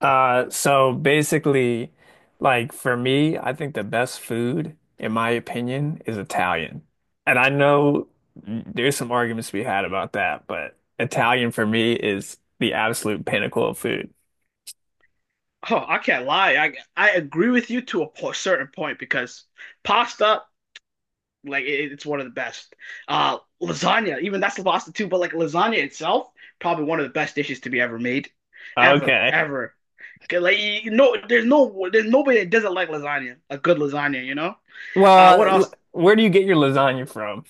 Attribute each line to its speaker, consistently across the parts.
Speaker 1: So basically, for me, I think the best food, in my opinion, is Italian. And I know there's some arguments to be had about that, but Italian for me is the absolute pinnacle of food.
Speaker 2: Oh, I can't lie. I agree with you to a po certain point because pasta, like it's one of the best. Lasagna, even that's the pasta too. But like lasagna itself, probably one of the best dishes to be ever made, ever,
Speaker 1: Okay.
Speaker 2: ever. 'Cause, like you no, there's no, there's nobody that doesn't like lasagna. A good lasagna. What
Speaker 1: Well,
Speaker 2: else?
Speaker 1: where do you get your lasagna from?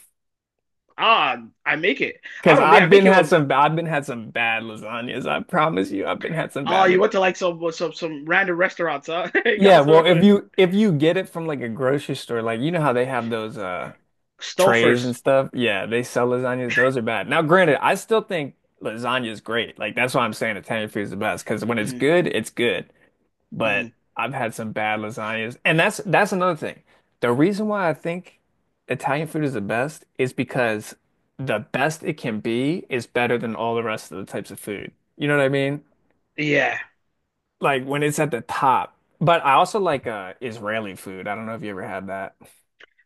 Speaker 2: I make it. I
Speaker 1: Because
Speaker 2: don't make. I make it. With,
Speaker 1: I've been had some bad lasagnas. I promise you, I've been had some
Speaker 2: oh,
Speaker 1: bad
Speaker 2: you went
Speaker 1: lasagnas.
Speaker 2: to like some random restaurants, huh? You
Speaker 1: Yeah,
Speaker 2: got some
Speaker 1: well, if you get it from like a grocery store, like you know how they have those trays and
Speaker 2: Stouffer's.
Speaker 1: stuff. Yeah, they sell lasagnas. Those are bad. Now, granted, I still think lasagna is great. Like that's why I'm saying Italian food is the best because when it's
Speaker 2: Mm,
Speaker 1: good, it's good. But
Speaker 2: mm.
Speaker 1: I've had some bad lasagnas, and that's another thing. The reason why I think Italian food is the best is because the best it can be is better than all the rest of the types of food. You know what I mean?
Speaker 2: Yeah.
Speaker 1: Like when it's at the top. But I also like Israeli food. I don't know if you ever had that.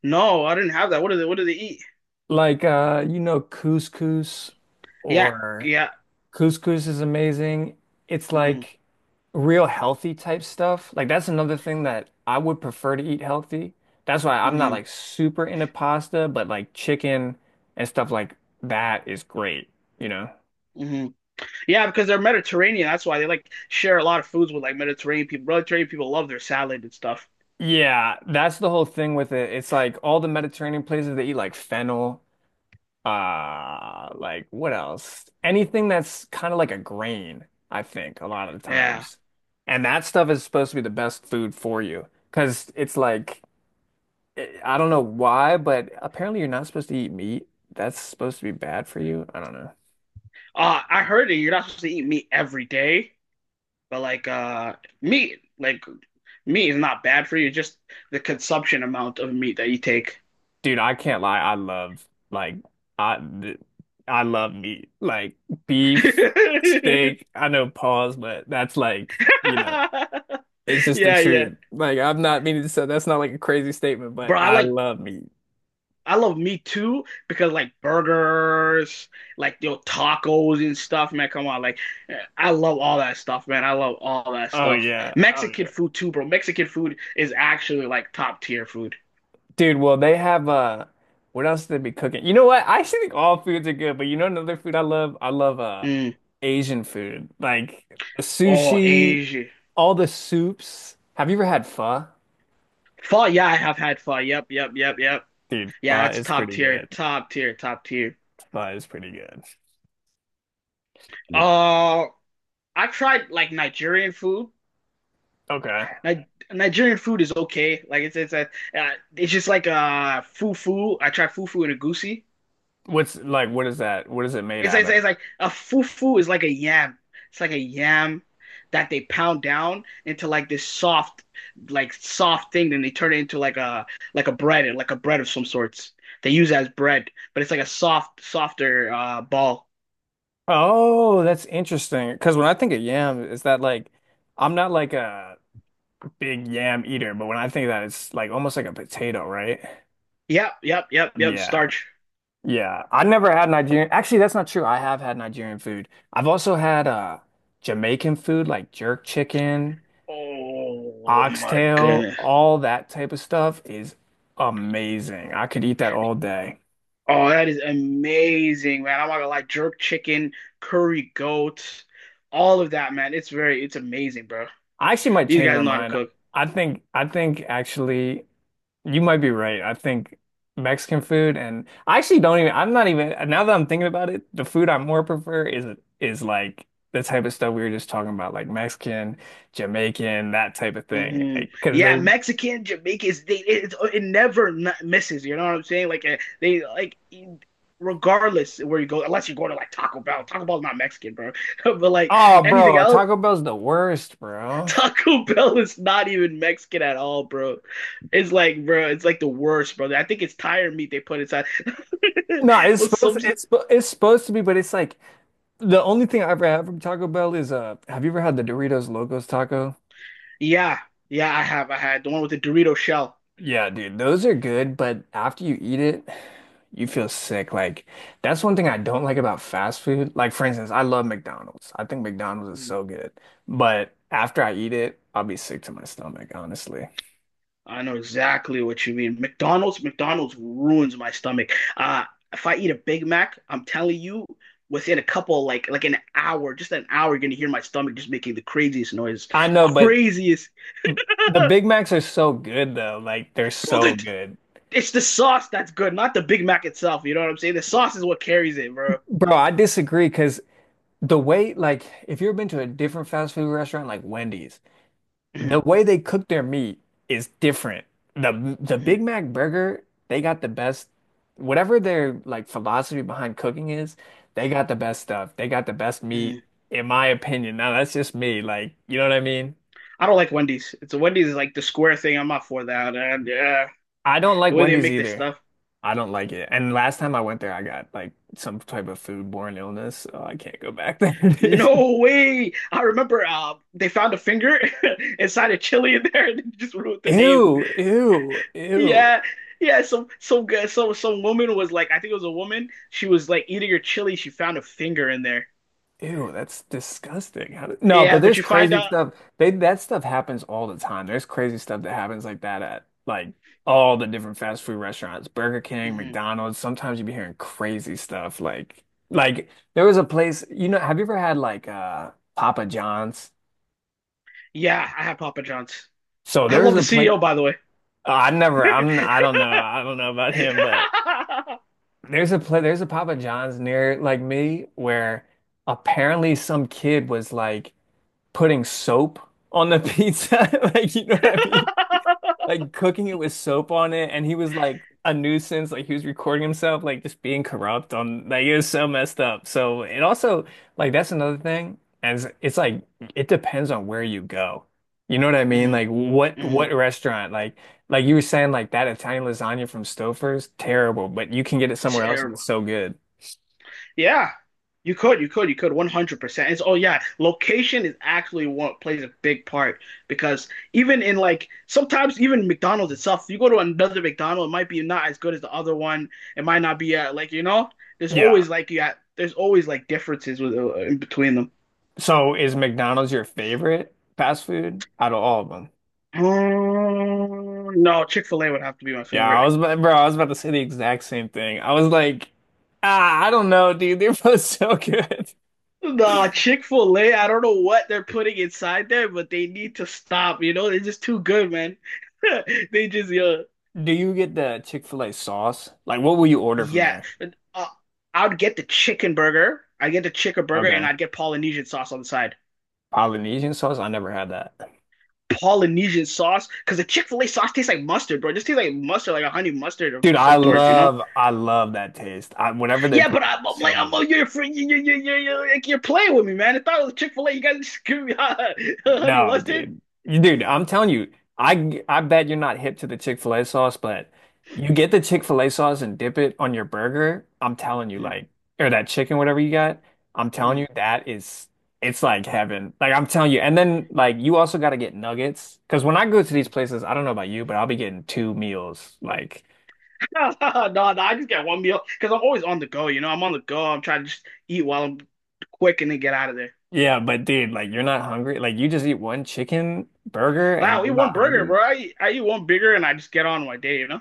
Speaker 2: No, I didn't have that. What do they? What do they eat?
Speaker 1: Like you know, couscous
Speaker 2: Yeah,
Speaker 1: or
Speaker 2: yeah.
Speaker 1: couscous is amazing. It's
Speaker 2: Hmm.
Speaker 1: like real healthy type stuff. Like that's another thing that I would prefer to eat healthy. That's why I'm not
Speaker 2: Hmm.
Speaker 1: like super into pasta, but like chicken and stuff like that is great, you know?
Speaker 2: Hmm. Yeah, because they're Mediterranean. That's why they like share a lot of foods with like Mediterranean people. Really, Mediterranean people love their salad and stuff.
Speaker 1: Yeah, that's the whole thing with it. It's like all the Mediterranean places they eat like fennel, like what else? Anything that's kind of like a grain, I think, a lot of the
Speaker 2: Yeah.
Speaker 1: times. And that stuff is supposed to be the best food for you because it's like I don't know why, but apparently you're not supposed to eat meat. That's supposed to be bad for you. I don't know.
Speaker 2: I heard that you're not supposed to eat meat every day, but meat, like meat is not bad for you. Just the consumption amount of meat that you take.
Speaker 1: Dude, I can't lie. I th- I love meat. Like beef, steak. I know pause, but that's like, you know, it's just the
Speaker 2: Yeah, yeah.
Speaker 1: truth. Like I'm not meaning to say that's not like a crazy statement, but
Speaker 2: Bro, I
Speaker 1: I
Speaker 2: like
Speaker 1: love meat.
Speaker 2: I love Me Too because like burgers, like your tacos and stuff, man. Come on, like I love all that stuff, man. I love all that
Speaker 1: Oh
Speaker 2: stuff.
Speaker 1: yeah. Oh
Speaker 2: Mexican
Speaker 1: yeah.
Speaker 2: food too, bro. Mexican food is actually like top tier food.
Speaker 1: Dude, well, they have what else do they be cooking? You know what? I actually think all foods are good, but you know another food I love? I love
Speaker 2: Mm.
Speaker 1: Asian food. Like
Speaker 2: Oh,
Speaker 1: sushi,
Speaker 2: Asia.
Speaker 1: all the soups. Have you ever had pho?
Speaker 2: Pho, yeah, I have had pho. Yep, yep, yep, yep.
Speaker 1: Dude,
Speaker 2: Yeah,
Speaker 1: pho
Speaker 2: that's
Speaker 1: is
Speaker 2: top
Speaker 1: pretty
Speaker 2: tier,
Speaker 1: good.
Speaker 2: top tier, top tier.
Speaker 1: Pho is pretty good. No.
Speaker 2: Uh, I've tried like Nigerian food.
Speaker 1: Okay.
Speaker 2: Ni Nigerian food is okay. Like uh, it's just like fufu. I tried fufu and egusi.
Speaker 1: What is that? What is it made
Speaker 2: It's, like,
Speaker 1: out
Speaker 2: it's,
Speaker 1: of?
Speaker 2: like, it's like a fufu is like a yam. It's like a yam that they pound down into like this soft, like soft thing. Then they turn it into like a bread of some sorts. They use it as bread, but it's like a soft, softer ball.
Speaker 1: Oh, that's interesting. Because when I think of yam, is that like I'm not like a big yam eater, but when I think of that it's like almost like a potato, right?
Speaker 2: Yep, yep, yep, yep.
Speaker 1: Yeah.
Speaker 2: Starch.
Speaker 1: Yeah, I never had Nigerian. Actually, that's not true. I have had Nigerian food. I've also had Jamaican food like jerk chicken,
Speaker 2: Oh my
Speaker 1: oxtail,
Speaker 2: goodness.
Speaker 1: all that type of stuff is amazing. I could eat that all day.
Speaker 2: Oh, that is amazing, man. I'm not gonna lie. Jerk chicken, curry goat, all of that, man. It's very, it's amazing, bro.
Speaker 1: I actually might
Speaker 2: These
Speaker 1: change
Speaker 2: guys
Speaker 1: my
Speaker 2: know how to
Speaker 1: mind.
Speaker 2: cook.
Speaker 1: I think actually You might be right. I think Mexican food and I actually don't even I'm not even now that I'm thinking about it, the food I more prefer is like the type of stuff we were just talking about, like Mexican, Jamaican, that type of thing.
Speaker 2: Hmm.
Speaker 1: Like, cause
Speaker 2: Yeah,
Speaker 1: they
Speaker 2: Mexican, Jamaicans, they it never not misses. You know what I'm saying? Like eh, they like regardless where you go, unless you go to like Taco Bell. Taco Bell's not Mexican, bro. But like
Speaker 1: oh
Speaker 2: anything
Speaker 1: bro,
Speaker 2: else,
Speaker 1: Taco Bell's the worst, bro.
Speaker 2: Taco Bell is not even Mexican at all, bro. It's like, bro, it's like the worst, brother. I think it's tire meat they put inside.
Speaker 1: No,
Speaker 2: But some,
Speaker 1: it's supposed to be, but it's like the only thing I ever have from Taco Bell is have you ever had the Doritos Locos taco?
Speaker 2: yeah, yeah, I have, I had the one with the Dorito shell.
Speaker 1: Yeah, dude, those are good, but after you eat it, you feel sick. Like, that's one thing I don't like about fast food. Like, for instance, I love McDonald's. I think McDonald's is so good. But after I eat it, I'll be sick to my stomach, honestly.
Speaker 2: I know exactly what you mean. McDonald's, McDonald's ruins my stomach. Uh, if I eat a Big Mac, I'm telling you, within a couple like an hour, just an hour, you're gonna hear my stomach just making the craziest noise.
Speaker 1: I know, but
Speaker 2: Craziest,
Speaker 1: the
Speaker 2: bro.
Speaker 1: Big Macs are so good, though. Like, they're so
Speaker 2: The,
Speaker 1: good.
Speaker 2: it's the sauce that's good, not the Big Mac itself. You know what I'm saying? The sauce is what carries it, bro.
Speaker 1: Bro, I disagree because the way, like, if you've been to a different fast food restaurant, like Wendy's, the
Speaker 2: Mhm,
Speaker 1: way they cook their meat is different. The
Speaker 2: mhm,
Speaker 1: Big Mac burger, they got the best, whatever their like philosophy behind cooking is, they got the best stuff. They got the best meat,
Speaker 2: mhm.
Speaker 1: in my opinion. Now that's just me. Like, you know what I mean?
Speaker 2: I don't like Wendy's. It's Wendy's is like the square thing. I'm not for that. And yeah,
Speaker 1: I don't
Speaker 2: the
Speaker 1: like
Speaker 2: way they
Speaker 1: Wendy's
Speaker 2: make this
Speaker 1: either.
Speaker 2: stuff.
Speaker 1: I don't like it. And last time I went there, I got like some type of foodborne illness, so I can't go back there. Dude.
Speaker 2: No way! I remember they found a finger inside a chili in there and they just wrote the name.
Speaker 1: Ew, ew, ew.
Speaker 2: Yeah, yeah. Some good. Some woman was like, I think it was a woman. She was like eating her chili. She found a finger in there.
Speaker 1: Ew, that's disgusting. How did... No,
Speaker 2: Yeah,
Speaker 1: but
Speaker 2: but
Speaker 1: there's
Speaker 2: you find
Speaker 1: crazy
Speaker 2: out.
Speaker 1: stuff. They that stuff happens all the time. There's crazy stuff that happens like that at like all the different fast food restaurants, Burger King,
Speaker 2: Hmm.
Speaker 1: McDonald's. Sometimes you be hearing crazy stuff like there was a place, you know, have you ever had like Papa John's?
Speaker 2: Yeah, I have Papa John's.
Speaker 1: So
Speaker 2: I
Speaker 1: there's
Speaker 2: love
Speaker 1: a
Speaker 2: the
Speaker 1: place
Speaker 2: CEO, by the way.
Speaker 1: I don't know. I don't know about him, but there's a Papa John's near like me where apparently some kid was like putting soap on the pizza. Like, you know what I mean? Like cooking it with soap on it. And he was like a nuisance. Like he was recording himself, like just being corrupt on like it was so messed up. So it also like that's another thing. As like it depends on where you go. You know what I mean?
Speaker 2: Hmm.
Speaker 1: Like
Speaker 2: Hmm.
Speaker 1: what restaurant? Like you were saying, like that Italian lasagna from Stouffer's, terrible, but you can get it somewhere else and
Speaker 2: Terrible.
Speaker 1: it's so good.
Speaker 2: Yeah, you could, 100%. It's, oh yeah, location is actually what plays a big part because even in like sometimes even McDonald's itself, you go to another McDonald's, it might be not as good as the other one. It might not be like you know, there's
Speaker 1: Yeah.
Speaker 2: always like yeah, there's always like differences with in between them.
Speaker 1: So is McDonald's your favorite fast food out of all of them?
Speaker 2: No, Chick-fil-A would have to be my
Speaker 1: Yeah,
Speaker 2: favorite.
Speaker 1: I was about to say the exact same thing. I was like, ah, I don't know, dude. They're both so good.
Speaker 2: Nah, Chick-fil-A, I don't know what they're putting inside there, but they need to stop. You know, they're just too good, man. They just, yeah.
Speaker 1: Do you get the Chick-fil-A sauce? Like, what will you order from
Speaker 2: Yeah,
Speaker 1: there?
Speaker 2: uh, I would get the chicken burger. I get the chicken burger, and
Speaker 1: Okay.
Speaker 2: I'd get Polynesian sauce on the side.
Speaker 1: Polynesian sauce? I never had that.
Speaker 2: Polynesian sauce, because the Chick-fil-A sauce tastes like mustard, bro. It just tastes like mustard, like a honey mustard of
Speaker 1: Dude,
Speaker 2: some sorts, you know?
Speaker 1: I love that taste. I, whatever they
Speaker 2: Yeah,
Speaker 1: put
Speaker 2: but
Speaker 1: in,
Speaker 2: I'm,
Speaker 1: that's
Speaker 2: I'm
Speaker 1: so
Speaker 2: like, I'm oh,
Speaker 1: good.
Speaker 2: you're, free, you like, you're playing with me, man. I thought it was Chick-fil-A. You guys just give me honey
Speaker 1: No,
Speaker 2: mustard.
Speaker 1: dude. Dude, I'm telling you, I bet you're not hip to the Chick-fil-A sauce, but you get the Chick-fil-A sauce and dip it on your burger. I'm telling you,
Speaker 2: Mhm,
Speaker 1: like, or that chicken, whatever you got, I'm telling
Speaker 2: mhm,
Speaker 1: you, that is it's like heaven. Like I'm telling you. And then like you also gotta get nuggets. Cause when I go to these
Speaker 2: mhm.
Speaker 1: places, I don't know about you, but I'll be getting two meals. Like,
Speaker 2: No, no, I just get one meal because I'm always on the go, you know. I'm on the go. I'm trying to just eat while I'm quick and then get out of there.
Speaker 1: yeah, but dude, like you're not hungry. Like you just eat one chicken burger
Speaker 2: Wow,
Speaker 1: and
Speaker 2: I eat
Speaker 1: you're not
Speaker 2: one burger,
Speaker 1: hungry.
Speaker 2: bro. I eat one bigger and I just get on my day, you know?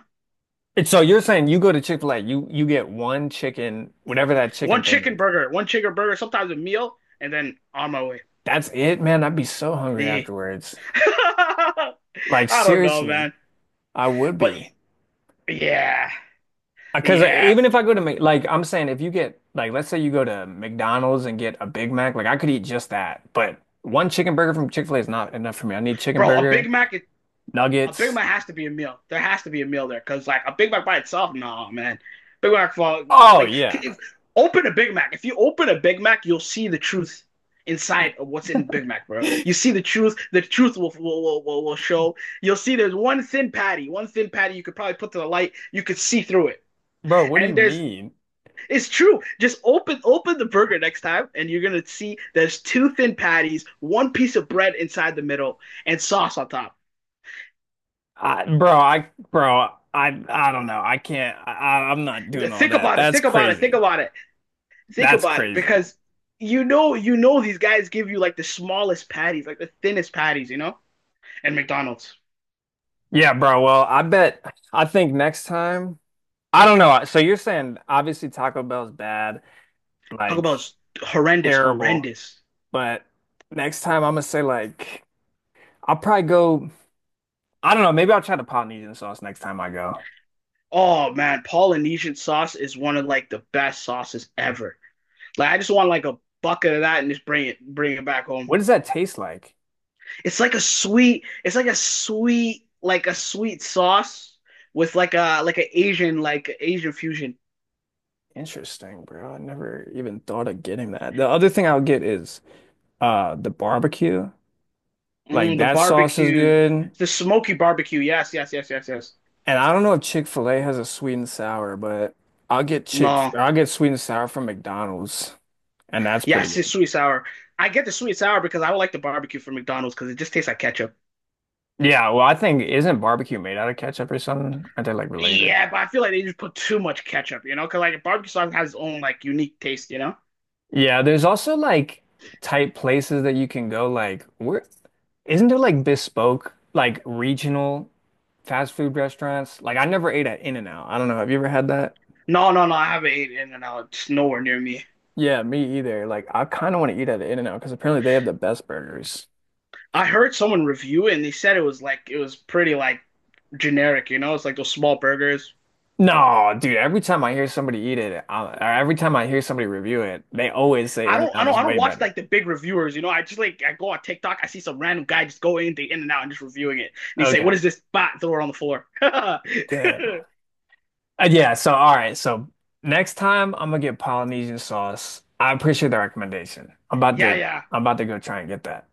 Speaker 1: And so you're saying you go to Chick-fil-A, you get one chicken, whatever that chicken thing is.
Speaker 2: One chicken burger, sometimes a meal, and then on my way.
Speaker 1: That's it, man. I'd be so hungry
Speaker 2: Yeah.
Speaker 1: afterwards. Like
Speaker 2: I don't know,
Speaker 1: seriously,
Speaker 2: man.
Speaker 1: I would
Speaker 2: But
Speaker 1: be.
Speaker 2: yeah,
Speaker 1: Because
Speaker 2: yeah.
Speaker 1: even if I go to Mc- like I'm saying, if you get like let's say you go to McDonald's and get a Big Mac, like I could eat just that. But one chicken burger from Chick-fil-A is not enough for me. I need chicken
Speaker 2: Bro, a
Speaker 1: burger,
Speaker 2: Big Mac is a Big
Speaker 1: nuggets.
Speaker 2: Mac has to be a meal. There has to be a meal there because like a Big Mac by itself, no man. Big Mac for
Speaker 1: Oh
Speaker 2: like
Speaker 1: yeah,
Speaker 2: if open a Big Mac. If you open a Big Mac, you'll see the truth inside of what's in Big Mac, bro. You see the truth. The truth will show. You'll see there's one thin patty you could probably put to the light. You could see through it.
Speaker 1: bro. What do
Speaker 2: And
Speaker 1: you
Speaker 2: there's
Speaker 1: mean?
Speaker 2: it's true. Just open the burger next time, and you're gonna see there's two thin patties, one piece of bread inside the middle, and sauce on top.
Speaker 1: I don't know. I can't. I'm not doing all
Speaker 2: Think
Speaker 1: that.
Speaker 2: about it.
Speaker 1: That's
Speaker 2: Think about it. Think
Speaker 1: crazy.
Speaker 2: about it. Think
Speaker 1: That's
Speaker 2: about it,
Speaker 1: crazy.
Speaker 2: because you know, these guys give you like the smallest patties, like the thinnest patties, you know. And McDonald's,
Speaker 1: Yeah, bro. Well, I bet I think next time I don't know. So you're saying obviously Taco Bell's bad,
Speaker 2: Taco
Speaker 1: like
Speaker 2: Bell's horrendous,
Speaker 1: terrible,
Speaker 2: horrendous.
Speaker 1: but next time I'm gonna say like I'll probably go I don't know, maybe I'll try the Polynesian sauce next time I go.
Speaker 2: Oh man, Polynesian sauce is one of like the best sauces ever. Like I just want like a bucket of that and just bring it back home.
Speaker 1: What does that taste like?
Speaker 2: It's like a sweet, it's like a sweet sauce with like a like an Asian, like Asian fusion.
Speaker 1: Interesting, bro. I never even thought of getting that. The other thing I'll get is the barbecue. Like
Speaker 2: Mm, the
Speaker 1: that sauce is
Speaker 2: barbecue,
Speaker 1: good.
Speaker 2: the smoky barbecue. Yes, yes, yes, yes, yes.
Speaker 1: And I don't know if Chick-fil-A has a sweet and sour, but
Speaker 2: No,
Speaker 1: I'll get sweet and sour from McDonald's, and that's pretty
Speaker 2: yes, it's
Speaker 1: good.
Speaker 2: sweet sour. I get the sweet sour because I would like the barbecue from McDonald's because it just tastes like ketchup.
Speaker 1: Yeah, well, I think isn't barbecue made out of ketchup or something? Aren't they like related?
Speaker 2: Yeah, but I feel like they just put too much ketchup, you know? Because like barbecue sauce has its own like unique taste, you know?
Speaker 1: Yeah, there's also like type places that you can go. Like, where isn't there like bespoke, like regional fast food restaurants? Like, I never ate at In-N-Out. I don't know. Have you ever had that?
Speaker 2: No, no, no. I haven't ate In-N-Out. It's nowhere near me.
Speaker 1: Yeah, me either. Like, I kind of want to eat at In-N-Out because apparently they have the best burgers.
Speaker 2: I heard someone review it and they said it was like it was pretty like generic, you know? It's like those small burgers.
Speaker 1: No, dude, every time I hear somebody eat it, I, or every time I hear somebody review it, they always say
Speaker 2: I don't, I
Speaker 1: In-N-Out
Speaker 2: don't,
Speaker 1: is
Speaker 2: I don't
Speaker 1: way
Speaker 2: watch
Speaker 1: better.
Speaker 2: like the big reviewers, you know. I just like I go on TikTok, I see some random guy just go in the In and Out and just reviewing it, and he say, "What
Speaker 1: Okay.
Speaker 2: is this?" Bat throw it on the floor.
Speaker 1: Dang. Yeah, so all right, so next time I'm gonna get Polynesian sauce. I appreciate the recommendation.
Speaker 2: Yeah, yeah.
Speaker 1: I'm about to go try and get that.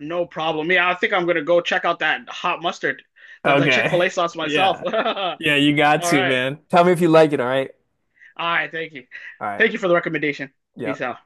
Speaker 2: No problem. Yeah, I think I'm gonna go check out that hot mustard, the
Speaker 1: Okay.
Speaker 2: Chick-fil-A sauce myself.
Speaker 1: Yeah.
Speaker 2: All
Speaker 1: Yeah, you got to,
Speaker 2: right.
Speaker 1: man. Tell me if you like it, all right?
Speaker 2: All right, thank you.
Speaker 1: All right.
Speaker 2: Thank you for the recommendation. Peace
Speaker 1: Yep.
Speaker 2: out.